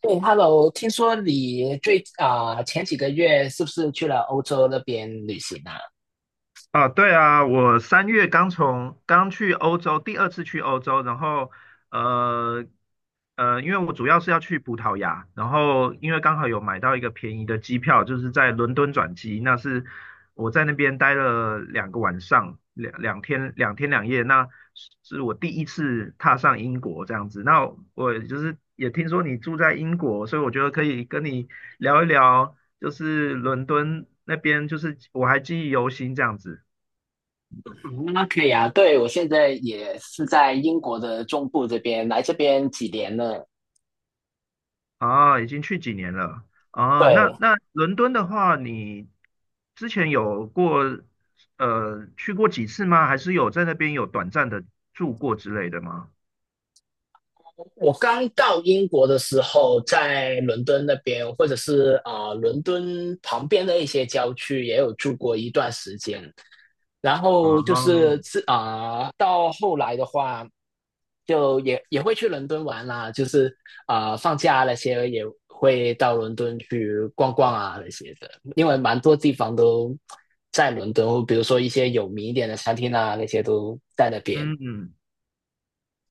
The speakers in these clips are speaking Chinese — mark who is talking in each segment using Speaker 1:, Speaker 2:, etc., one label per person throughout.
Speaker 1: 对，Hello，听说你前几个月是不是去了欧洲那边旅行啊？
Speaker 2: 啊，对啊，我3月刚去欧洲，第二次去欧洲，然后呃因为我主要是要去葡萄牙，然后因为刚好有买到一个便宜的机票，就是在伦敦转机，那是我在那边待了两个晚上，两天两夜，那是我第一次踏上英国这样子。那我就是也听说你住在英国，所以我觉得可以跟你聊一聊，就是伦敦那边，就是我还记忆犹新这样子。
Speaker 1: 嗯那可以啊，对，我现在也是在英国的中部这边，来这边几年了。
Speaker 2: 啊，已经去几年了啊？那
Speaker 1: 对，
Speaker 2: 那伦敦的话，你之前有过去过几次吗？还是有在那边有短暂的住过之类的吗？
Speaker 1: 我刚到英国的时候，在伦敦那边，或者是伦敦旁边的一些郊区，也有住过一段时间。然
Speaker 2: 啊，
Speaker 1: 后就是到后来的话，就也会去伦敦玩啦，就是放假那些也会到伦敦去逛逛啊那些的，因为蛮多地方都在伦敦，比如说一些有名一点的餐厅啊，那些都在那边。
Speaker 2: 嗯，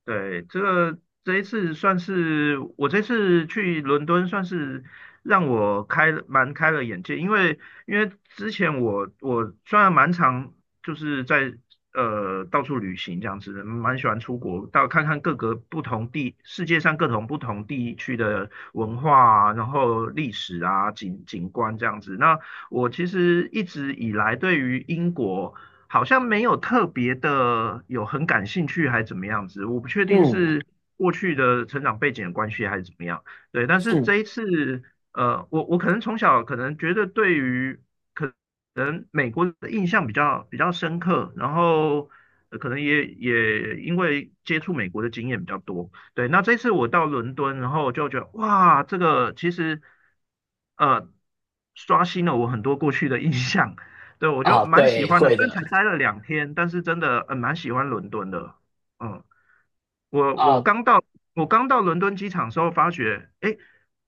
Speaker 2: 对，这一次算是我这次去伦敦，算是让我开了眼界，因为之前我虽然蛮常就是在呃到处旅行这样子，蛮喜欢出国，到看看各个不同地世界上各种不同地区的文化啊然后历史啊景观这样子。那我其实一直以来对于英国，好像没有特别的有很感兴趣，还怎么样子？我不确定
Speaker 1: 嗯
Speaker 2: 是过去的成长背景的关系，还是怎么样。对，但是
Speaker 1: 嗯，
Speaker 2: 这一次，呃，我可能从小可能觉得对于可能美国的印象比较深刻，然后呃可能也因为接触美国的经验比较多。对，那这次我到伦敦，然后就觉得哇，这个其实呃刷新了我很多过去的印象。对，我就
Speaker 1: 啊，
Speaker 2: 蛮喜
Speaker 1: 对，
Speaker 2: 欢的，
Speaker 1: 会
Speaker 2: 虽然
Speaker 1: 的。
Speaker 2: 才待了两天，但是真的蛮喜欢伦敦的。嗯，我我
Speaker 1: 啊，
Speaker 2: 刚到我刚到伦敦机场的时候，发觉诶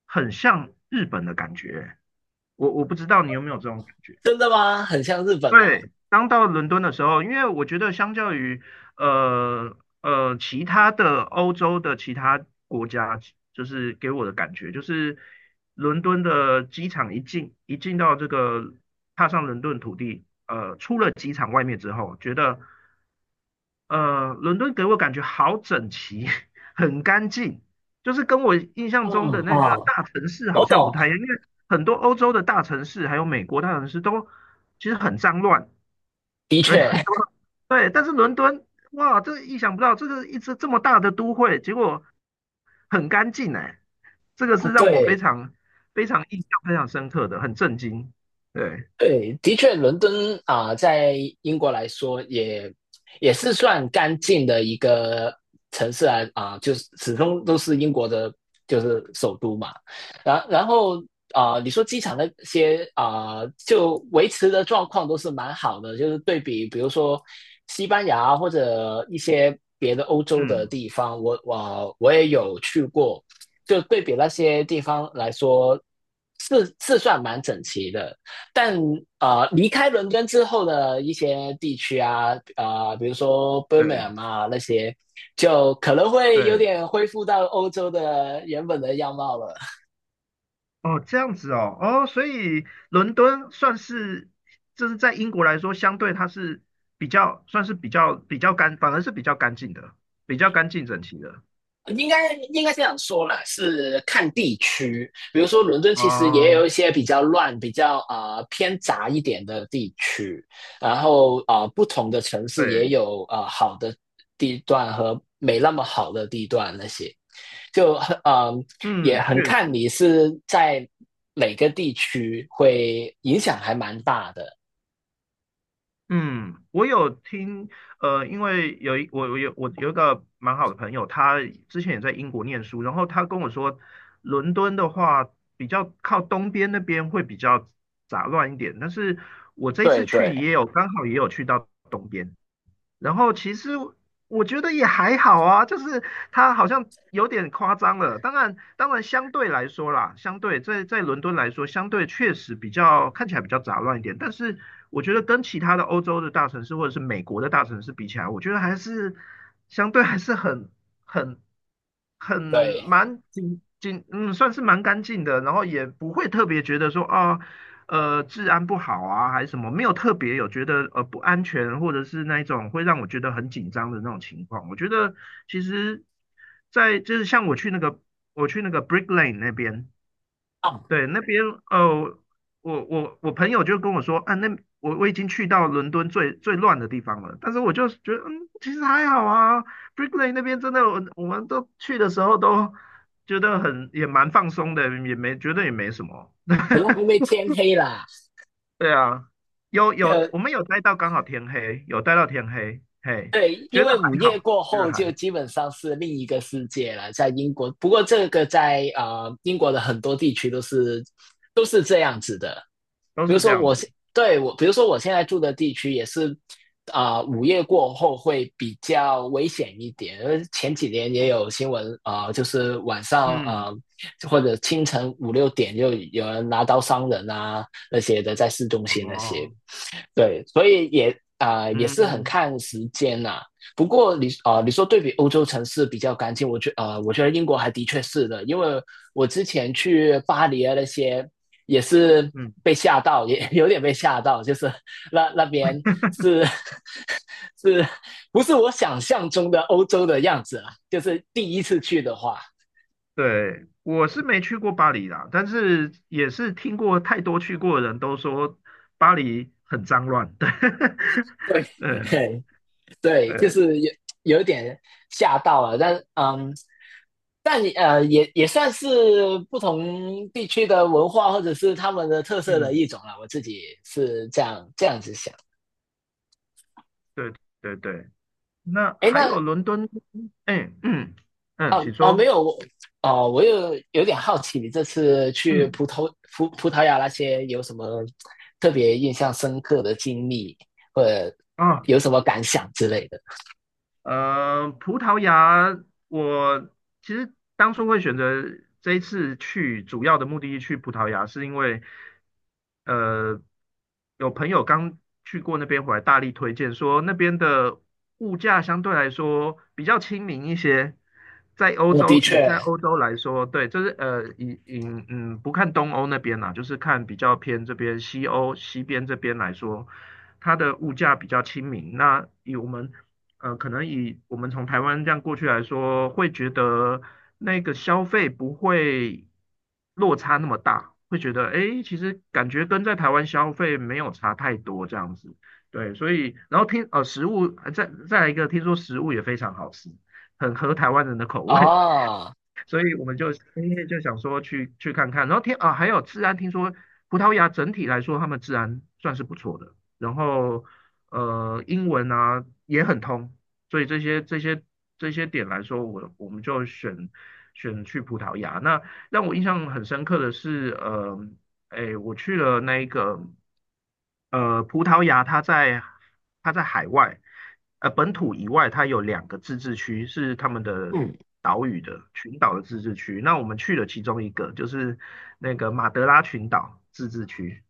Speaker 2: 很像日本的感觉。我不知道你有没有这种感觉。
Speaker 1: 真的吗？很像日本哦。
Speaker 2: 对，刚到伦敦的时候，因为我觉得相较于呃其他的欧洲的其他国家，就是给我的感觉就是伦敦的机场一进到这个踏上伦敦土地，出了机场外面之后，觉得伦敦给我感觉好整齐，很干净，就是跟我印象中的
Speaker 1: 嗯
Speaker 2: 那个
Speaker 1: 啊嗯
Speaker 2: 大城市好
Speaker 1: 我
Speaker 2: 像不
Speaker 1: 懂，
Speaker 2: 太一样，因为很多欧洲的大城市还有美国大城市都其实很脏乱。
Speaker 1: 的
Speaker 2: 对，
Speaker 1: 确，
Speaker 2: 很多，对，但是伦敦，哇，这意想不到，这个一直这么大的都会，结果很干净哎，这个
Speaker 1: 啊，
Speaker 2: 是让我非
Speaker 1: 对，
Speaker 2: 常印象非常深刻的，很震惊。对，
Speaker 1: 对，的确，伦敦在英国来说也是算干净的一个城市啊，就是始终都是英国的，就是首都嘛。然后你说机场那些就维持的状况都是蛮好的，就是对比，比如说西班牙或者一些别的欧洲的
Speaker 2: 嗯，
Speaker 1: 地方，我也有去过，就对比那些地方来说，是算蛮整齐的。但离开伦敦之后的一些地区啊，啊，比如说
Speaker 2: 对
Speaker 1: Birmingham 啊那些，就可能会有
Speaker 2: 对，
Speaker 1: 点恢复到欧洲的原本的样貌了。
Speaker 2: 哦，这样子哦，哦，所以伦敦算是，就是在英国来说，相对它是比较算是比较比较干，反而是比较干净的，比较干净整齐的。
Speaker 1: 应该这样说啦，是看地区。比如说伦敦其实也有一
Speaker 2: 哦，
Speaker 1: 些比较乱、比较偏杂一点的地区，然后啊，不同的城
Speaker 2: 对，
Speaker 1: 市也有好的地段和没那么好的地段那些。就很
Speaker 2: 嗯，
Speaker 1: 也很
Speaker 2: 确
Speaker 1: 看
Speaker 2: 实。
Speaker 1: 你是在哪个地区，会影响还蛮大的。
Speaker 2: 嗯，我有听，呃，因为有一我我有我有一个蛮好的朋友，他之前也在英国念书，然后他跟我说，伦敦的话比较靠东边那边会比较杂乱一点，但是我这一
Speaker 1: 对
Speaker 2: 次
Speaker 1: 对，
Speaker 2: 去也有刚好也有去到东边，然后其实我觉得也还好啊，就是它好像有点夸张了。当然，当然相对来说啦，相对在伦敦来说，相对确实比较看起来比较杂乱一点。但是我觉得跟其他的欧洲的大城市或者是美国的大城市比起来，我觉得还是相对还是很很
Speaker 1: 对，
Speaker 2: 蛮紧紧，嗯，算是蛮干净的。然后也不会特别觉得说啊。哦治安不好啊，还是什么，没有特别有觉得不安全，或者是那一种会让我觉得很紧张的那种情况。我觉得其实在，就是像我去那个 Brick Lane 那边，
Speaker 1: 啊，
Speaker 2: 对那边呃我我朋友就跟我说，啊那我已经去到伦敦最乱的地方了，但是我就觉得嗯其实还好啊，Brick Lane 那边真的我们都去的时候都觉得很也蛮放松的，也没觉得也没什么。
Speaker 1: 可能因为天黑啦，
Speaker 2: 对啊，
Speaker 1: 就
Speaker 2: 我们有待到刚好天黑，有待到天黑，嘿，
Speaker 1: 对，
Speaker 2: 觉
Speaker 1: 因
Speaker 2: 得
Speaker 1: 为午
Speaker 2: 还
Speaker 1: 夜
Speaker 2: 好，
Speaker 1: 过
Speaker 2: 觉得
Speaker 1: 后
Speaker 2: 还
Speaker 1: 就
Speaker 2: 好，
Speaker 1: 基本上是另一个世界了，在英国。不过这个在英国的很多地区都是这样子的。
Speaker 2: 都
Speaker 1: 比如
Speaker 2: 是这
Speaker 1: 说
Speaker 2: 样
Speaker 1: 我
Speaker 2: 子。
Speaker 1: 对，比如说我现在住的地区也是午夜过后会比较危险一点。因为前几年也有新闻就是晚上
Speaker 2: 嗯，
Speaker 1: 或者清晨5、6点就有人拿刀伤人啊那些的，在市中心那些。
Speaker 2: 哦，
Speaker 1: 对，所以也也是很
Speaker 2: 嗯
Speaker 1: 看时间呐。不过你说对比欧洲城市比较干净，我觉得英国还的确是的，因为我之前去巴黎啊那些也是
Speaker 2: 嗯，
Speaker 1: 被吓到，也 有点被吓到，就是那边是 是不是我想象中的欧洲的样子啊？就是第一次去的话，
Speaker 2: 对，我是没去过巴黎啦，但是也是听过太多去过的人都说巴黎很脏乱，对，
Speaker 1: 对，
Speaker 2: 对啊，
Speaker 1: 嘿对，就
Speaker 2: 对，
Speaker 1: 是有一点吓到了，但嗯，但也算是不同地区的文化或者是他们的特色的
Speaker 2: 嗯，
Speaker 1: 一种了。我自己是这样子想。
Speaker 2: 对对对，那
Speaker 1: 哎，
Speaker 2: 还
Speaker 1: 那
Speaker 2: 有伦敦，哎，嗯嗯，
Speaker 1: 哦
Speaker 2: 请
Speaker 1: 哦没
Speaker 2: 说，
Speaker 1: 有，我有点好奇，你这次去葡
Speaker 2: 嗯
Speaker 1: 萄葡葡萄牙那些有什么特别印象深刻的经历，或者
Speaker 2: 啊。
Speaker 1: 有什么感想之类的？
Speaker 2: 呃，葡萄牙，我其实当初会选择这一次去，主要的目的地去葡萄牙，是因为呃，有朋友刚去过那边回来，大力推荐说那边的物价相对来说比较亲民一些，在欧
Speaker 1: 我的
Speaker 2: 洲以
Speaker 1: 确
Speaker 2: 在欧洲来说，对，就是呃，以嗯不看东欧那边啦，就是看比较偏这边西边这边来说，它的物价比较亲民。那以我们呃，可能以我们从台湾这样过去来说，会觉得那个消费不会落差那么大，会觉得诶，其实感觉跟在台湾消费没有差太多这样子。对，所以然后听食物，呃再来一个，听说食物也非常好吃，很合台湾人的口味。
Speaker 1: 哦，
Speaker 2: 所以我们就今天就想说去看看，然后听啊还有治安，听说葡萄牙整体来说他们治安算是不错的，然后呃英文啊也很通，所以这些点来说，我们就选去葡萄牙。那让我印象很深刻的是，呃哎，我去了那一个呃葡萄牙，它在海外，呃本土以外，它有两个自治区是他们的
Speaker 1: 嗯，
Speaker 2: 岛屿的群岛的自治区。那我们去了其中一个，就是那个马德拉群岛自治区。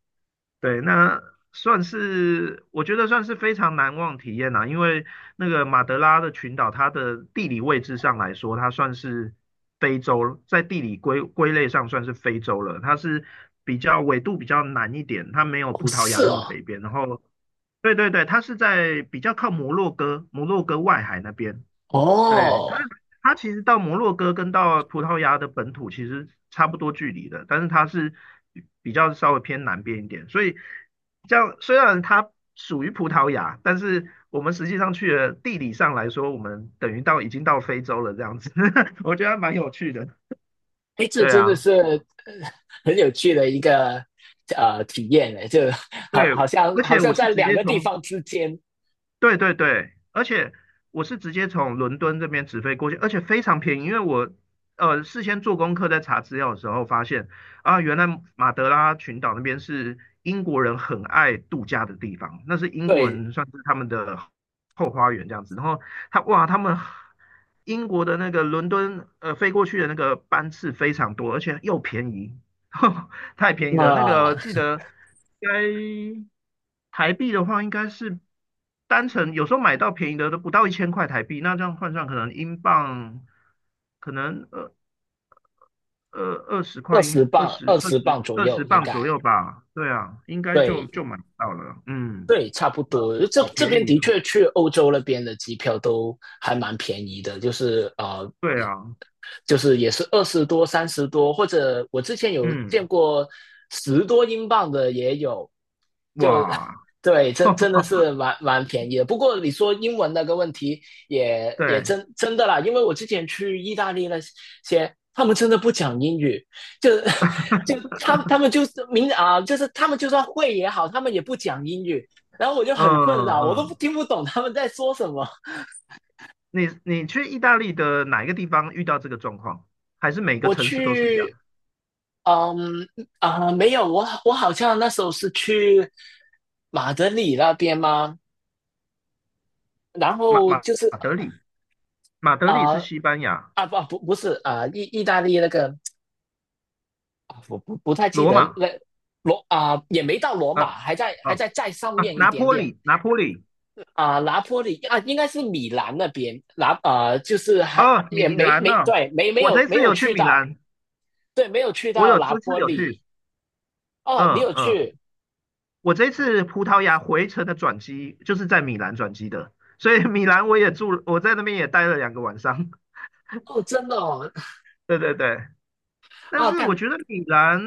Speaker 2: 对，那算是我觉得算是非常难忘体验啦，因为那个马德拉的群岛，它的地理位置上来说，它算是非洲，在地理归类上算是非洲了。它是比较纬度比较南一点，它没有
Speaker 1: 哦
Speaker 2: 葡萄牙
Speaker 1: 是
Speaker 2: 那么
Speaker 1: 哦，
Speaker 2: 北边。然后，对对对，它是在比较靠摩洛哥、摩洛哥外海那边。对，
Speaker 1: 哦。
Speaker 2: 它其实到摩洛哥跟到葡萄牙的本土其实差不多距离的，但是它是比较稍微偏南边一点，所以这样虽然它属于葡萄牙，但是我们实际上去了地理上来说，我们等于到已经到非洲了这样子，我觉得还蛮有趣的。
Speaker 1: 哎，这
Speaker 2: 对
Speaker 1: 真的
Speaker 2: 啊，
Speaker 1: 是很有趣的一个体验呢，就好
Speaker 2: 对，
Speaker 1: 好像
Speaker 2: 而
Speaker 1: 好
Speaker 2: 且
Speaker 1: 像
Speaker 2: 我是
Speaker 1: 在
Speaker 2: 直
Speaker 1: 两
Speaker 2: 接
Speaker 1: 个地
Speaker 2: 从
Speaker 1: 方之间，
Speaker 2: 对对对，而且我是直接从伦敦这边直飞过去，而且非常便宜，因为我呃事先做功课在查资料的时候发现啊，原来马德拉群岛那边是英国人很爱度假的地方，那是英国
Speaker 1: 对，
Speaker 2: 人算是他们的后花园这样子。然后他哇，他们英国的那个伦敦呃飞过去的那个班次非常多，而且又便宜，太便宜了。那个记
Speaker 1: 那
Speaker 2: 得应该台币的话，应该是单程有时候买到便宜的都不到1000块台币，那这样换算可能英镑可能二二二十
Speaker 1: 二
Speaker 2: 块英
Speaker 1: 十
Speaker 2: 二
Speaker 1: 磅
Speaker 2: 十
Speaker 1: 二
Speaker 2: 二
Speaker 1: 十磅
Speaker 2: 十
Speaker 1: 左
Speaker 2: 二十
Speaker 1: 右应
Speaker 2: 磅左
Speaker 1: 该，
Speaker 2: 右吧。对啊，应该就
Speaker 1: 对
Speaker 2: 买到了。嗯，
Speaker 1: 对，差不
Speaker 2: 呃
Speaker 1: 多。这
Speaker 2: 好
Speaker 1: 这
Speaker 2: 便
Speaker 1: 边
Speaker 2: 宜
Speaker 1: 的
Speaker 2: 啊。
Speaker 1: 确去欧洲那边的机票都还蛮便宜的，就是
Speaker 2: 对啊，
Speaker 1: 也是20多、30多，或者我之前有见
Speaker 2: 嗯，
Speaker 1: 过10多英镑的也有，就
Speaker 2: 哇，
Speaker 1: 对，真的是 蛮便宜的。不过你说英文那个问题也
Speaker 2: 对，
Speaker 1: 真的啦，因为我之前去意大利那些，他们真的不讲英语，就 就他们就是明啊，就是他们就算会也好，他们也不讲英语。然后我就
Speaker 2: 嗯
Speaker 1: 很困扰，我都
Speaker 2: 嗯，
Speaker 1: 听不懂他们在说什么。
Speaker 2: 你去意大利的哪一个地方遇到这个状况？还是每个
Speaker 1: 我
Speaker 2: 城市都是这样？
Speaker 1: 去嗯啊，没有，我好像那时候是去马德里那边吗？然后就是
Speaker 2: 马德里，马德里是
Speaker 1: 啊
Speaker 2: 西班牙，
Speaker 1: 不是意大利那个我不太记
Speaker 2: 罗
Speaker 1: 得
Speaker 2: 马
Speaker 1: 那也没到罗马，
Speaker 2: 啊
Speaker 1: 还在
Speaker 2: 啊
Speaker 1: 再上面一
Speaker 2: 拿
Speaker 1: 点
Speaker 2: 坡
Speaker 1: 点
Speaker 2: 里，拿坡里
Speaker 1: 拿坡里啊应该是米兰那边就是还
Speaker 2: 啊，
Speaker 1: 也
Speaker 2: 米
Speaker 1: 没
Speaker 2: 兰呢、
Speaker 1: 没对没没
Speaker 2: 我
Speaker 1: 有
Speaker 2: 这
Speaker 1: 没
Speaker 2: 次
Speaker 1: 有
Speaker 2: 有去
Speaker 1: 去
Speaker 2: 米
Speaker 1: 到，
Speaker 2: 兰，
Speaker 1: 对，没有去
Speaker 2: 我
Speaker 1: 到
Speaker 2: 有
Speaker 1: 拿
Speaker 2: 这次
Speaker 1: 坡
Speaker 2: 有去，
Speaker 1: 里。哦，你
Speaker 2: 嗯
Speaker 1: 有
Speaker 2: 嗯，
Speaker 1: 去。
Speaker 2: 我这次葡萄牙回程的转机就是在米兰转机的，所以米兰我也住了在那边也待了两个晚上，
Speaker 1: 哦，真的哦。
Speaker 2: 对对对，但
Speaker 1: 啊，
Speaker 2: 是我
Speaker 1: 但
Speaker 2: 觉得米兰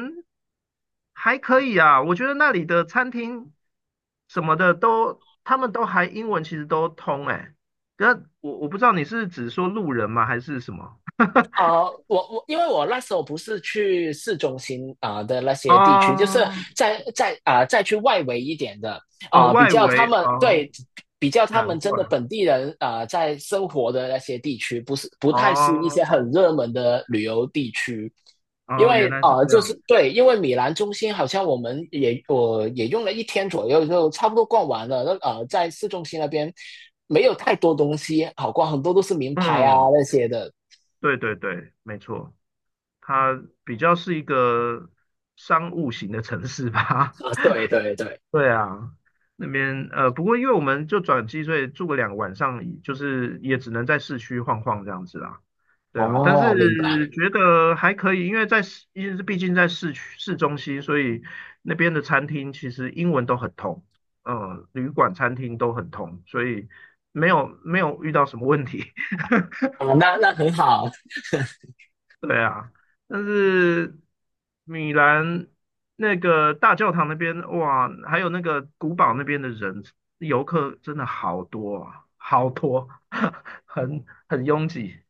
Speaker 2: 还可以啊，我觉得那里的餐厅什么的都，他们都还英文其实都通哎，那我不知道你是指说路人吗，还是什么？
Speaker 1: 因为我那时候不是去市中心的那些地区，就是
Speaker 2: 哦
Speaker 1: 在再去外围一点的
Speaker 2: 哦，
Speaker 1: 比
Speaker 2: 外
Speaker 1: 较他
Speaker 2: 围
Speaker 1: 们
Speaker 2: 哦，
Speaker 1: 对比较他
Speaker 2: 难
Speaker 1: 们真
Speaker 2: 怪
Speaker 1: 的本地人在生活的那些地区，不是不太是一些
Speaker 2: 哦
Speaker 1: 很热门的旅游地区，因
Speaker 2: 哦，
Speaker 1: 为
Speaker 2: 原来是这
Speaker 1: 就
Speaker 2: 样。
Speaker 1: 是对，因为米兰中心好像我也用了一天左右就差不多逛完了，那在市中心那边没有太多东西好逛，很多都是名牌啊
Speaker 2: 嗯，
Speaker 1: 那些的。
Speaker 2: 对对对，没错，它比较是一个商务型的城市吧。
Speaker 1: 啊，对对对，
Speaker 2: 对啊，那边呃，不过因为我们就转机，所以住个两个晚上，就是也只能在市区晃晃这样子啦。对啊，但
Speaker 1: 哦，明白，
Speaker 2: 是觉得还可以，因为在市，因为毕竟在市区市中心，所以那边的餐厅其实英文都很通，嗯，旅馆、餐厅都很通，所以没有遇到什么问题。
Speaker 1: 啊，那很好，
Speaker 2: 对啊，但是米兰那个大教堂那边，哇，还有那个古堡那边的人，游客真的好多啊，好多，很拥挤。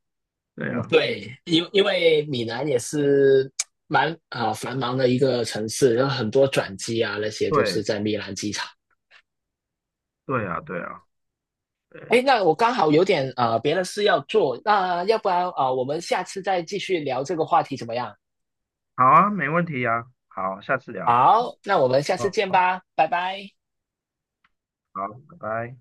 Speaker 2: 对
Speaker 1: 嗯，
Speaker 2: 啊，
Speaker 1: 对，因为米兰也是蛮繁忙的一个城市，有很多转机啊，那些都是
Speaker 2: 对，
Speaker 1: 在米兰机场。
Speaker 2: 对啊，对啊，
Speaker 1: 哎，
Speaker 2: 对，
Speaker 1: 那我刚好有点别的事要做，那要不然我们下次再继续聊这个话题怎么样？
Speaker 2: 好啊，没问题啊，好，下次聊，好，
Speaker 1: 好，那我们下次
Speaker 2: 好，
Speaker 1: 见吧，拜拜。
Speaker 2: 好，拜拜。